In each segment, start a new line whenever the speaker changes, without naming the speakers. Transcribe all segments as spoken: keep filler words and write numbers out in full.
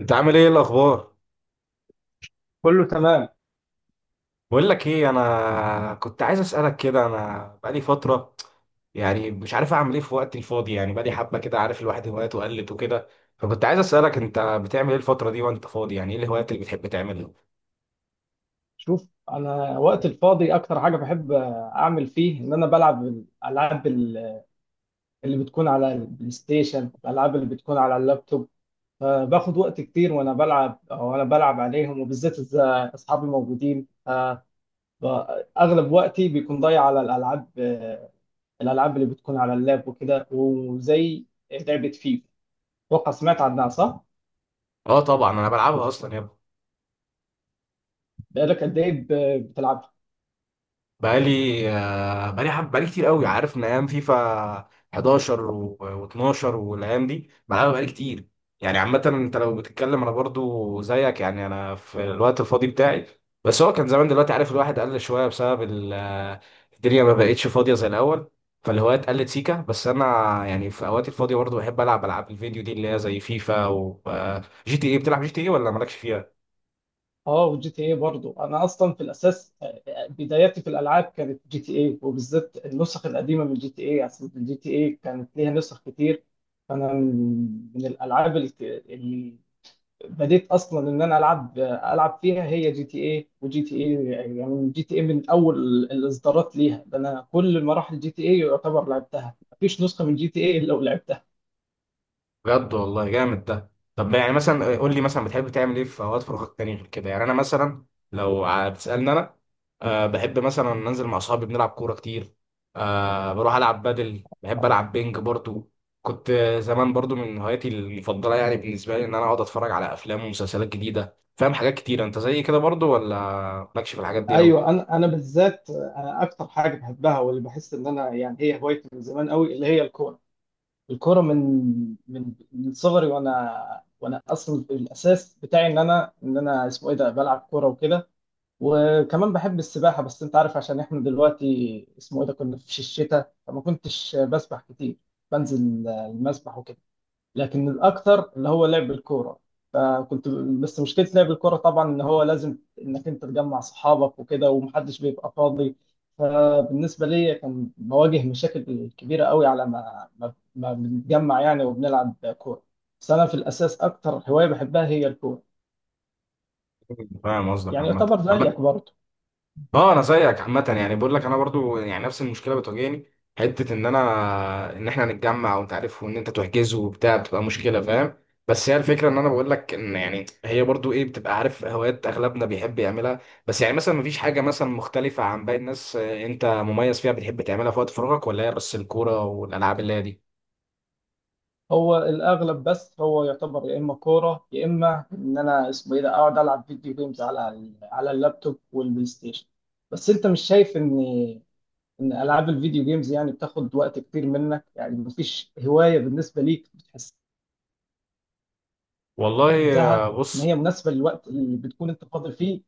انت عامل ايه الاخبار؟
كله تمام.
بقول لك ايه، انا كنت عايز اسالك كده. انا بقالي فتره يعني مش عارف اعمل ايه في وقتي الفاضي. يعني بقالي حبه كده، عارف، الواحد هواياته قلت وكده. فكنت عايز اسالك، انت بتعمل ايه الفتره دي وانت فاضي؟ يعني ايه الهوايات اللي بتحب تعملها؟
شوف، انا وقت الفاضي اكتر حاجه بحب اعمل فيه ان انا بلعب الالعاب ال- اللي بتكون على البلاي ستيشن، الالعاب اللي بتكون على اللابتوب، فباخد وقت كتير وانا بلعب، وانا بلعب عليهم، وبالذات اذا اصحابي موجودين. ف- ب- اغلب وقتي بيكون ضايع على الالعاب، آه، الالعاب اللي بتكون على اللاب وكده، وزي لعبه فيفا، اتوقع سمعت عنها صح؟
اه، طبعا انا بلعبها اصلا يا ابني.
بقالك قد ايه ب- بتلعب؟
بقالي آه، بقالي حب، بقالي كتير قوي، عارف، من ايام فيفا احداشر و12 والايام دي بلعبها بقالي كتير. يعني عامة انت لو بتتكلم، انا برضو زيك. يعني انا في الوقت الفاضي بتاعي، بس هو كان زمان، دلوقتي عارف الواحد قل شوية بسبب ال- آه، الدنيا ما بقتش فاضية زي الاول. فالهوايات قلت سيكا، بس انا يعني في اوقاتي الفاضية برضو بحب العب العاب الفيديو دي اللي هي زي فيفا و جي تي اي. بتلعب جي تي اي ولا مالكش فيها؟
اه، وجي تي اي برضه انا اصلا في الاساس، آه، بداياتي في الالعاب كانت جي تي اي، وبالذات النسخ القديمه من جي تي اي، اصل جي تي اي كانت ليها نسخ كتير. فانا من من الالعاب الك- اللي بديت اصلا ان انا العب العب فيها هي جي تي اي، وجي تي اي يعني جي تي اي من اول الاصدارات ليها. ده انا كل مراحل جي تي اي يعتبر لعبتها، مفيش نسخه من جي تي اي الا ولعبتها.
بجد والله جامد ده. طب يعني مثلا قول لي،
آه.
مثلا بتحب تعمل ايه في اوقات فراغك تاني غير كده؟ يعني انا مثلا، لو هتسالني انا، أه بحب مثلا ننزل مع اصحابي بنلعب كوره كتير. أه بروح العب بدل، بحب العب بينج برضو. كنت زمان برضو من هواياتي المفضله، يعني بالنسبه لي ان انا اقعد اتفرج على افلام ومسلسلات جديده، فاهم، حاجات كتير. انت زي كده برضو، ولا مالكش في الحاجات دي قوي؟
ايوه، انا انا بالذات انا اكتر حاجه بحبها واللي بحس ان انا يعني هي هوايتي من زمان قوي اللي هي الكوره. الكوره من من من صغري، وانا وانا اصلا الاساس بتاعي ان انا ان انا اسمه ايه ده بلعب كوره وكده. وكمان بحب السباحه، بس انت عارف عشان احنا دلوقتي اسمه ايه ده كنا في الشتاء فما كنتش بسبح كتير، بنزل المسبح وكده. لكن الاكثر اللي هو لعب الكوره. فكنت، بس مشكله لعب الكوره طبعا ان هو لازم انك انت تجمع صحابك وكده ومحدش بيبقى فاضي، فبالنسبه لي كان بواجه مشاكل كبيره قوي على ما ما, ما بنتجمع يعني وبنلعب كوره. بس انا في الاساس اكتر هوايه بحبها هي الكوره.
فاهم قصدك
يعني
عامه.
يعتبر زيك
عامة،
برضه.
اه انا زيك عامه. يعني بقول لك انا برضو يعني نفس المشكله بتواجهني، حته ان انا ان احنا نتجمع وانت عارف، وان انت تحجزه وبتاع بتبقى مشكله، فاهم. بس هي الفكره، ان انا بقول لك ان يعني هي برضو ايه، بتبقى عارف هوايات اغلبنا بيحب يعملها. بس يعني مثلا مفيش حاجه مثلا مختلفه عن باقي الناس، آه، انت مميز فيها بتحب تعملها في وقت فراغك، ولا هي بس الكوره والالعاب اللي هي دي؟
هو الاغلب بس هو يعتبر يا اما كوره يا اما ان انا اسمه ايه ده اقعد العب فيديو جيمز على ال- على اللابتوب والبلاي ستيشن. بس انت مش شايف ان ان العاب الفيديو جيمز يعني بتاخد وقت كتير منك؟ يعني مفيش هوايه بالنسبه ليك بتحسها
والله آه،
ان هي
بص.
مناسبه للوقت اللي بتكون انت فاضي فيه؟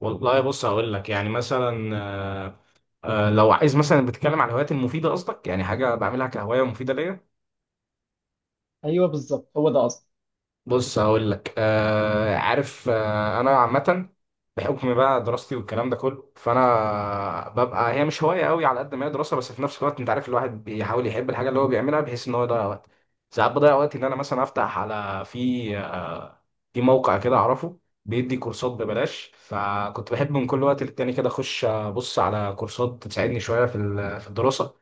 والله بص، هقول لك يعني مثلا، آه، آه، لو عايز مثلا بتتكلم على الهوايات المفيده قصدك، يعني حاجه بعملها كهوايه مفيده ليا.
ايوه، بالظبط، هو ده اصلا.
بص هقول لك، آه عارف، آه انا عامه، بحكم بقى دراستي والكلام ده كله، فانا ببقى، هي مش هوايه قوي على قد ما هي دراسه، بس في نفس الوقت انت عارف الواحد بيحاول يحب الحاجه اللي هو بيعملها بحيث ان هو يضيع وقت. ساعات بضيع وقت ان انا مثلا افتح على في في موقع كده اعرفه، بيدي كورسات ببلاش. فكنت بحب من كل وقت للتاني كده اخش ابص على كورسات تساعدني شويه في ال- في الدراسه.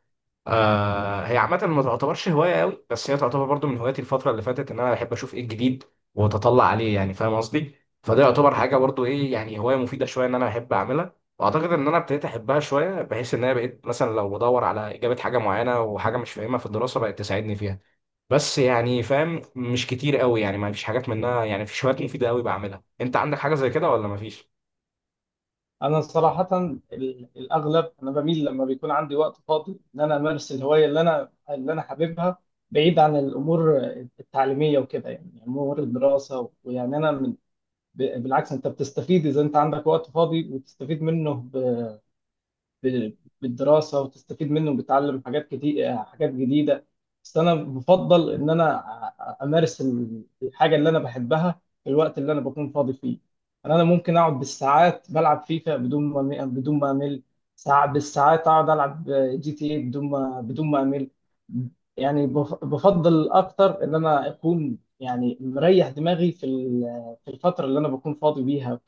آه هي عامه ما تعتبرش هوايه قوي، بس هي تعتبر برضو من هواياتي الفتره اللي فاتت ان انا بحب اشوف ايه الجديد واتطلع عليه، يعني فاهم قصدي. فده يعتبر حاجه برضو ايه، يعني هوايه مفيده شويه ان انا بحب اعملها، واعتقد ان انا ابتديت احبها شويه بحيث ان انا بقيت مثلا لو بدور على اجابه حاجه معينه وحاجه مش فاهمها في الدراسه، بقت تساعدني فيها. بس يعني فاهم مش كتير قوي، يعني ما فيش حاجات منها، يعني في شوية مفيدة قوي بعملها. انت عندك حاجة زي كده ولا ما فيش؟
انا صراحه ال- الاغلب انا بميل لما بيكون عندي وقت فاضي ان انا امارس الهوايه اللي انا اللي انا حاببها، بعيد عن الامور التعليميه وكده، يعني امور الدراسه. ويعني انا من ب- بالعكس، انت بتستفيد اذا انت عندك وقت فاضي وتستفيد منه ب- بالدراسه وتستفيد منه وبتتعلم حاجات كتير، حاجات جديده. بس انا بفضل ان انا أ- امارس ال- الحاجه اللي انا بحبها في الوقت اللي انا بكون فاضي فيه. انا أنا ممكن اقعد بالساعات بلعب فيفا بدون ما بدون ما امل. ساعات بالساعات اقعد العب جي تي اي بدون ما بدون ما امل. يعني بف- بفضل اكتر ان انا اكون يعني مريح دماغي في ال- في الفتره اللي انا بكون فاضي بيها،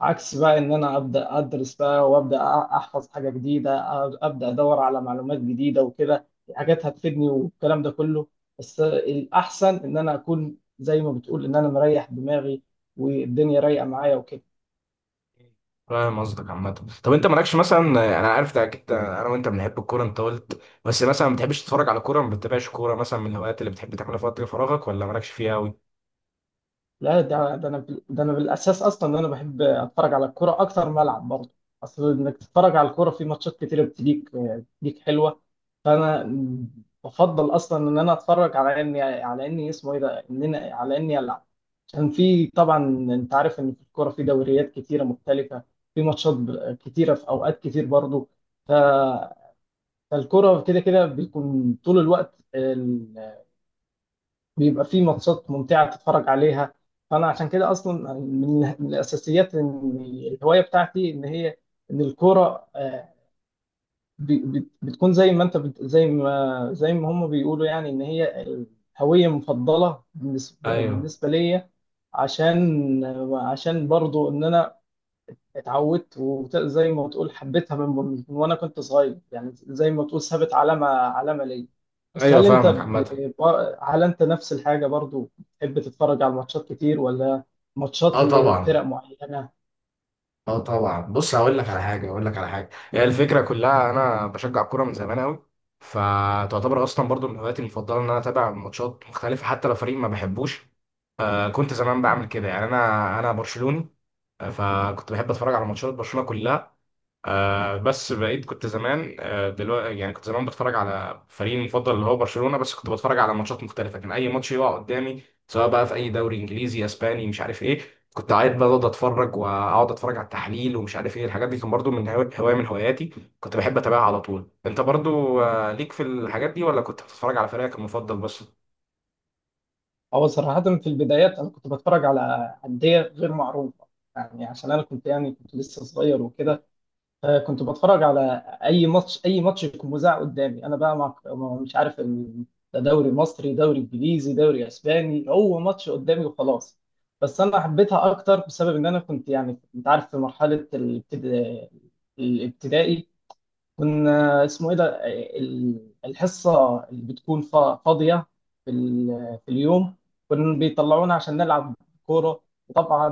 عكس بقى ان انا ابدا ادرس بقى، وابدا أ- احفظ حاجه جديده، أ- ابدا ادور على معلومات جديده وكده، حاجات هتفيدني والكلام ده كله. بس الاحسن ان انا اكون زي ما بتقول ان انا مريح دماغي والدنيا رايقه معايا وكده.
فاهم قصدك عامة. طب انت مالكش مثلا، انا عارف ده اكيد انا وانت بنحب الكورة، انت قلت، بس مثلا ما بتحبش تتفرج على كورة، ما بتتابعش كورة مثلا من الهوايات اللي بتحب تعملها في وقت فراغك، ولا مالكش فيها قوي؟
لا، ده ده انا بال- ده انا بالاساس اصلا ان انا بحب اتفرج على الكوره اكتر ما العب برضه. اصل انك تتفرج على الكوره في ماتشات كتيره، بتليك بتليك حلوه، فانا بفضل اصلا ان انا اتفرج على اني على اني اسمه ايه ده ان انا على اني العب. كان في طبعا انت عارف ان في الكوره في دوريات كتيره مختلفه، في ماتشات ب- كتيره، في اوقات كتير برضو. ف... فالكوره كده كده بيكون طول الوقت ال... بيبقى في ماتشات ممتعه تتفرج عليها. فانا عشان كده اصلا من من الاساسيات ان الهوايه بتاعتي ان هي، ان الكوره، آه، بي- بت- بتكون زي ما انت بت... زي ما زي ما هم بيقولوا يعني ان هي الهوية مفضلة بالنسبة
ايوه،
بالنسبة ليا، عشان عشان برضو ان انا اتعودت، وزي ما تقول حبيتها من... من وانا كنت صغير، يعني زي ما تقول سابت علامة علامة ليا. بس
ايوه،
هل انت
فاهمك
ب...
عامة.
ب- هل انت نفس الحاجة برضو بتحب تتفرج على الماتشات كتير، ولا ماتشات
اه
لفرق
طبعا،
معينة؟
اه طبعا، بص هقول لك على حاجة. هقول لك على حاجة هي الفكرة كلها، انا بشجع الكورة من زمان قوي، فتعتبر اصلا برضو من هواياتي المفضلة ان انا اتابع ماتشات مختلفة حتى لو فريق ما بحبوش. كنت زمان بعمل كده، يعني انا انا برشلوني. آه، فكنت بحب اتفرج على ماتشات برشلونه كلها. آه، بس بقيت كنت زمان، دلوقتي يعني كنت زمان بتفرج على فريقي المفضل اللي هو برشلونه. بس كنت بتفرج على ماتشات مختلفه، كان اي ماتش يقع قدامي سواء بقى في اي دوري انجليزي، اسباني، مش عارف ايه. كنت قاعد بقى اقعد اتفرج، واقعد اتفرج على التحليل ومش عارف ايه الحاجات دي، كان برضو من هوا- هوايه من هواياتي. كنت بحب اتابعها على طول. انت برضو آه، ليك في الحاجات دي، ولا كنت بتتفرج على فريقك المفضل بس؟
هو صراحة في البدايات أنا كنت بتفرج على أندية غير معروفة، يعني عشان أنا كنت يعني كنت لسه صغير وكده، فكنت بتفرج على أي ماتش أي ماتش يكون مذاع قدامي، أنا بقى مع، مش عارف، ال- ده دوري مصري، دوري إنجليزي، دوري أسباني، هو ماتش قدامي وخلاص. بس أنا حبيتها أكتر بسبب إن أنا كنت، يعني أنت عارف، في مرحلة الابتدا- الابتدائي كنا اسمه ايه ده ال- الحصه اللي بتكون فا- فاضيه في ال- في اليوم، كنا بيطلعونا عشان نلعب كوره. وطبعا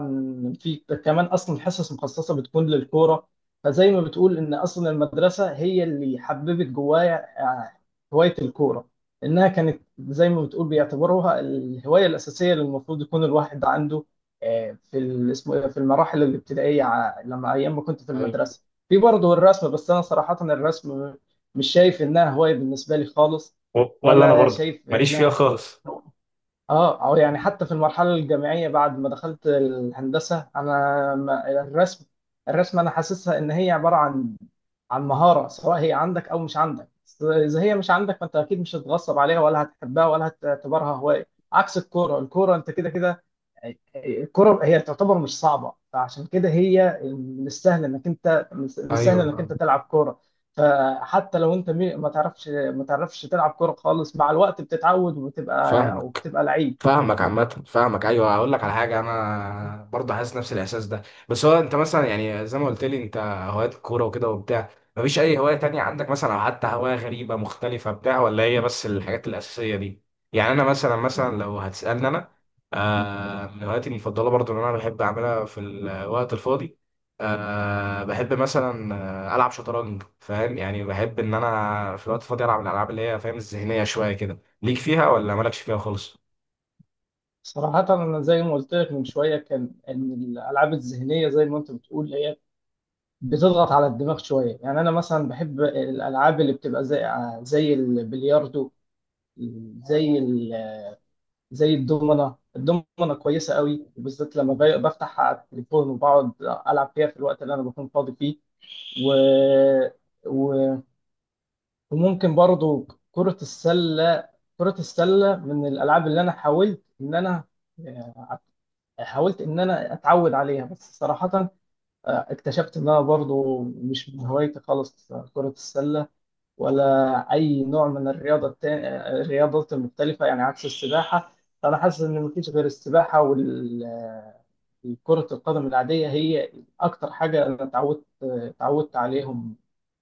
في كمان اصلا الحصص مخصصه بتكون للكوره. فزي ما بتقول ان اصلا المدرسه هي اللي حببت جوايا، آه، هوايه الكوره، انها كانت زي ما بتقول بيعتبروها الهوايه الاساسيه اللي المفروض يكون الواحد عنده، آه، في ال- اسمه إيه ده، في المراحل الابتدائيه ع- لما ايام ما كنت في
ايوه.
المدرسه. في برضه الرسم، بس انا صراحة الرسم مش شايف انها هواية بالنسبة لي خالص،
و- ولا انا
ولا
برضو
شايف
ماليش فيها
انها،
خالص.
اه، او يعني حتى في المرحلة الجامعية بعد ما دخلت الهندسة انا ما- الرسم، الرسم انا حاسسها ان هي عبارة عن عن مهارة، سواء هي عندك او مش عندك، بس اذا هي مش عندك فانت اكيد مش هتتغصب عليها ولا هتحبها ولا هتعتبرها هواية. عكس الكورة، الكورة انت كده كده، الكرة هي تعتبر مش صعبة، فعشان كده هي من السهل انك انت من السهل
ايوه
انك
فاهم.
انت تلعب كرة. فحتى لو انت مي- ما تعرفش ما تعرفش تلعب كرة خالص، مع الوقت بتتعود وبتبقى، او
فاهمك
بتبقى لعيب.
فاهمك عامة، فاهمك. أيوه هقول لك على حاجة، أنا برضه حاسس نفس الإحساس ده. بس هو أنت مثلا، يعني زي ما قلت لي أنت، هوايات كورة وكده وبتاع، مفيش أي هواية تانية عندك مثلا؟ أو حتى هواية غريبة مختلفة بتاع، ولا هي بس الحاجات الأساسية دي؟ يعني أنا مثلا مثلا لو هتسألني أنا، آه من هواياتي المفضلة برضه اللي أنا بحب أعملها في الوقت الفاضي، آه بحب مثلا آه، ألعب شطرنج. فاهم يعني بحب إن أنا في الوقت الفاضي ألعب الألعاب اللي هي فاهم الذهنية شوية كده. ليك فيها ولا مالكش فيها خالص؟
صراحة أنا زي ما قلت لك من شوية كان إن الألعاب الذهنية زي ما أنت بتقول هي بتضغط على الدماغ شوية. يعني أنا مثلا بحب الألعاب اللي بتبقى زي، آه، زي البلياردو، زي زي الدومنة. الدومنة كويسة قوي، وبالذات لما ب- بفتح على التليفون وبقعد ألعب فيها في الوقت اللي أنا بكون فاضي فيه. و... و... وممكن برضو كرة السلة. كرة السلة من الألعاب اللي أنا حاولت إن أنا، آه، حاولت إن أنا أتعود عليها، بس صراحة، آه، اكتشفت إن أنا برضو مش من هوايتي خالص، آه، كرة السلة، ولا أي نوع من الرياضة التاني، الرياضات المختلفة، يعني عكس السباحة. فأنا حاسس إن مفيش غير السباحة وال كرة القدم العادية هي أكتر حاجة أنا اتعودت اتعودت عليهم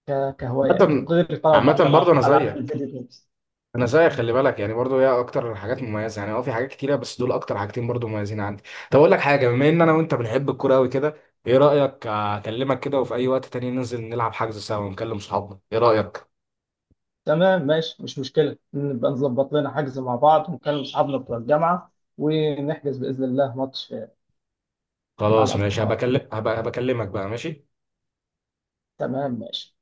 ك- كهواية،
عامة
غير طبعا بعض
عامة
الألعاب،
برضه أنا
ألعاب
زيك
الفيديو جيمز.
أنا زيك خلي بالك. يعني برضه هي أكتر حاجات مميزة، يعني أه في حاجات كتيرة بس دول أكتر حاجتين برضه مميزين عندي. طب أقول لك حاجة، بما إن أنا وأنت بنحب الكورة أوي كده، إيه رأيك أكلمك كده وفي أي وقت تاني ننزل نلعب، حجز سوا، ونكلم صحابنا، إيه رأيك؟
تمام، ماشي، مش مشكلة، نبقى نظبط لنا حجز مع بعض ونكلم أصحابنا بتوع الجامعة ونحجز بإذن الله ماتش مع
خلاص ماشي.
الأصدقاء.
هبكلم هبقى هبكلمك بقى، ماشي.
تمام، ماشي.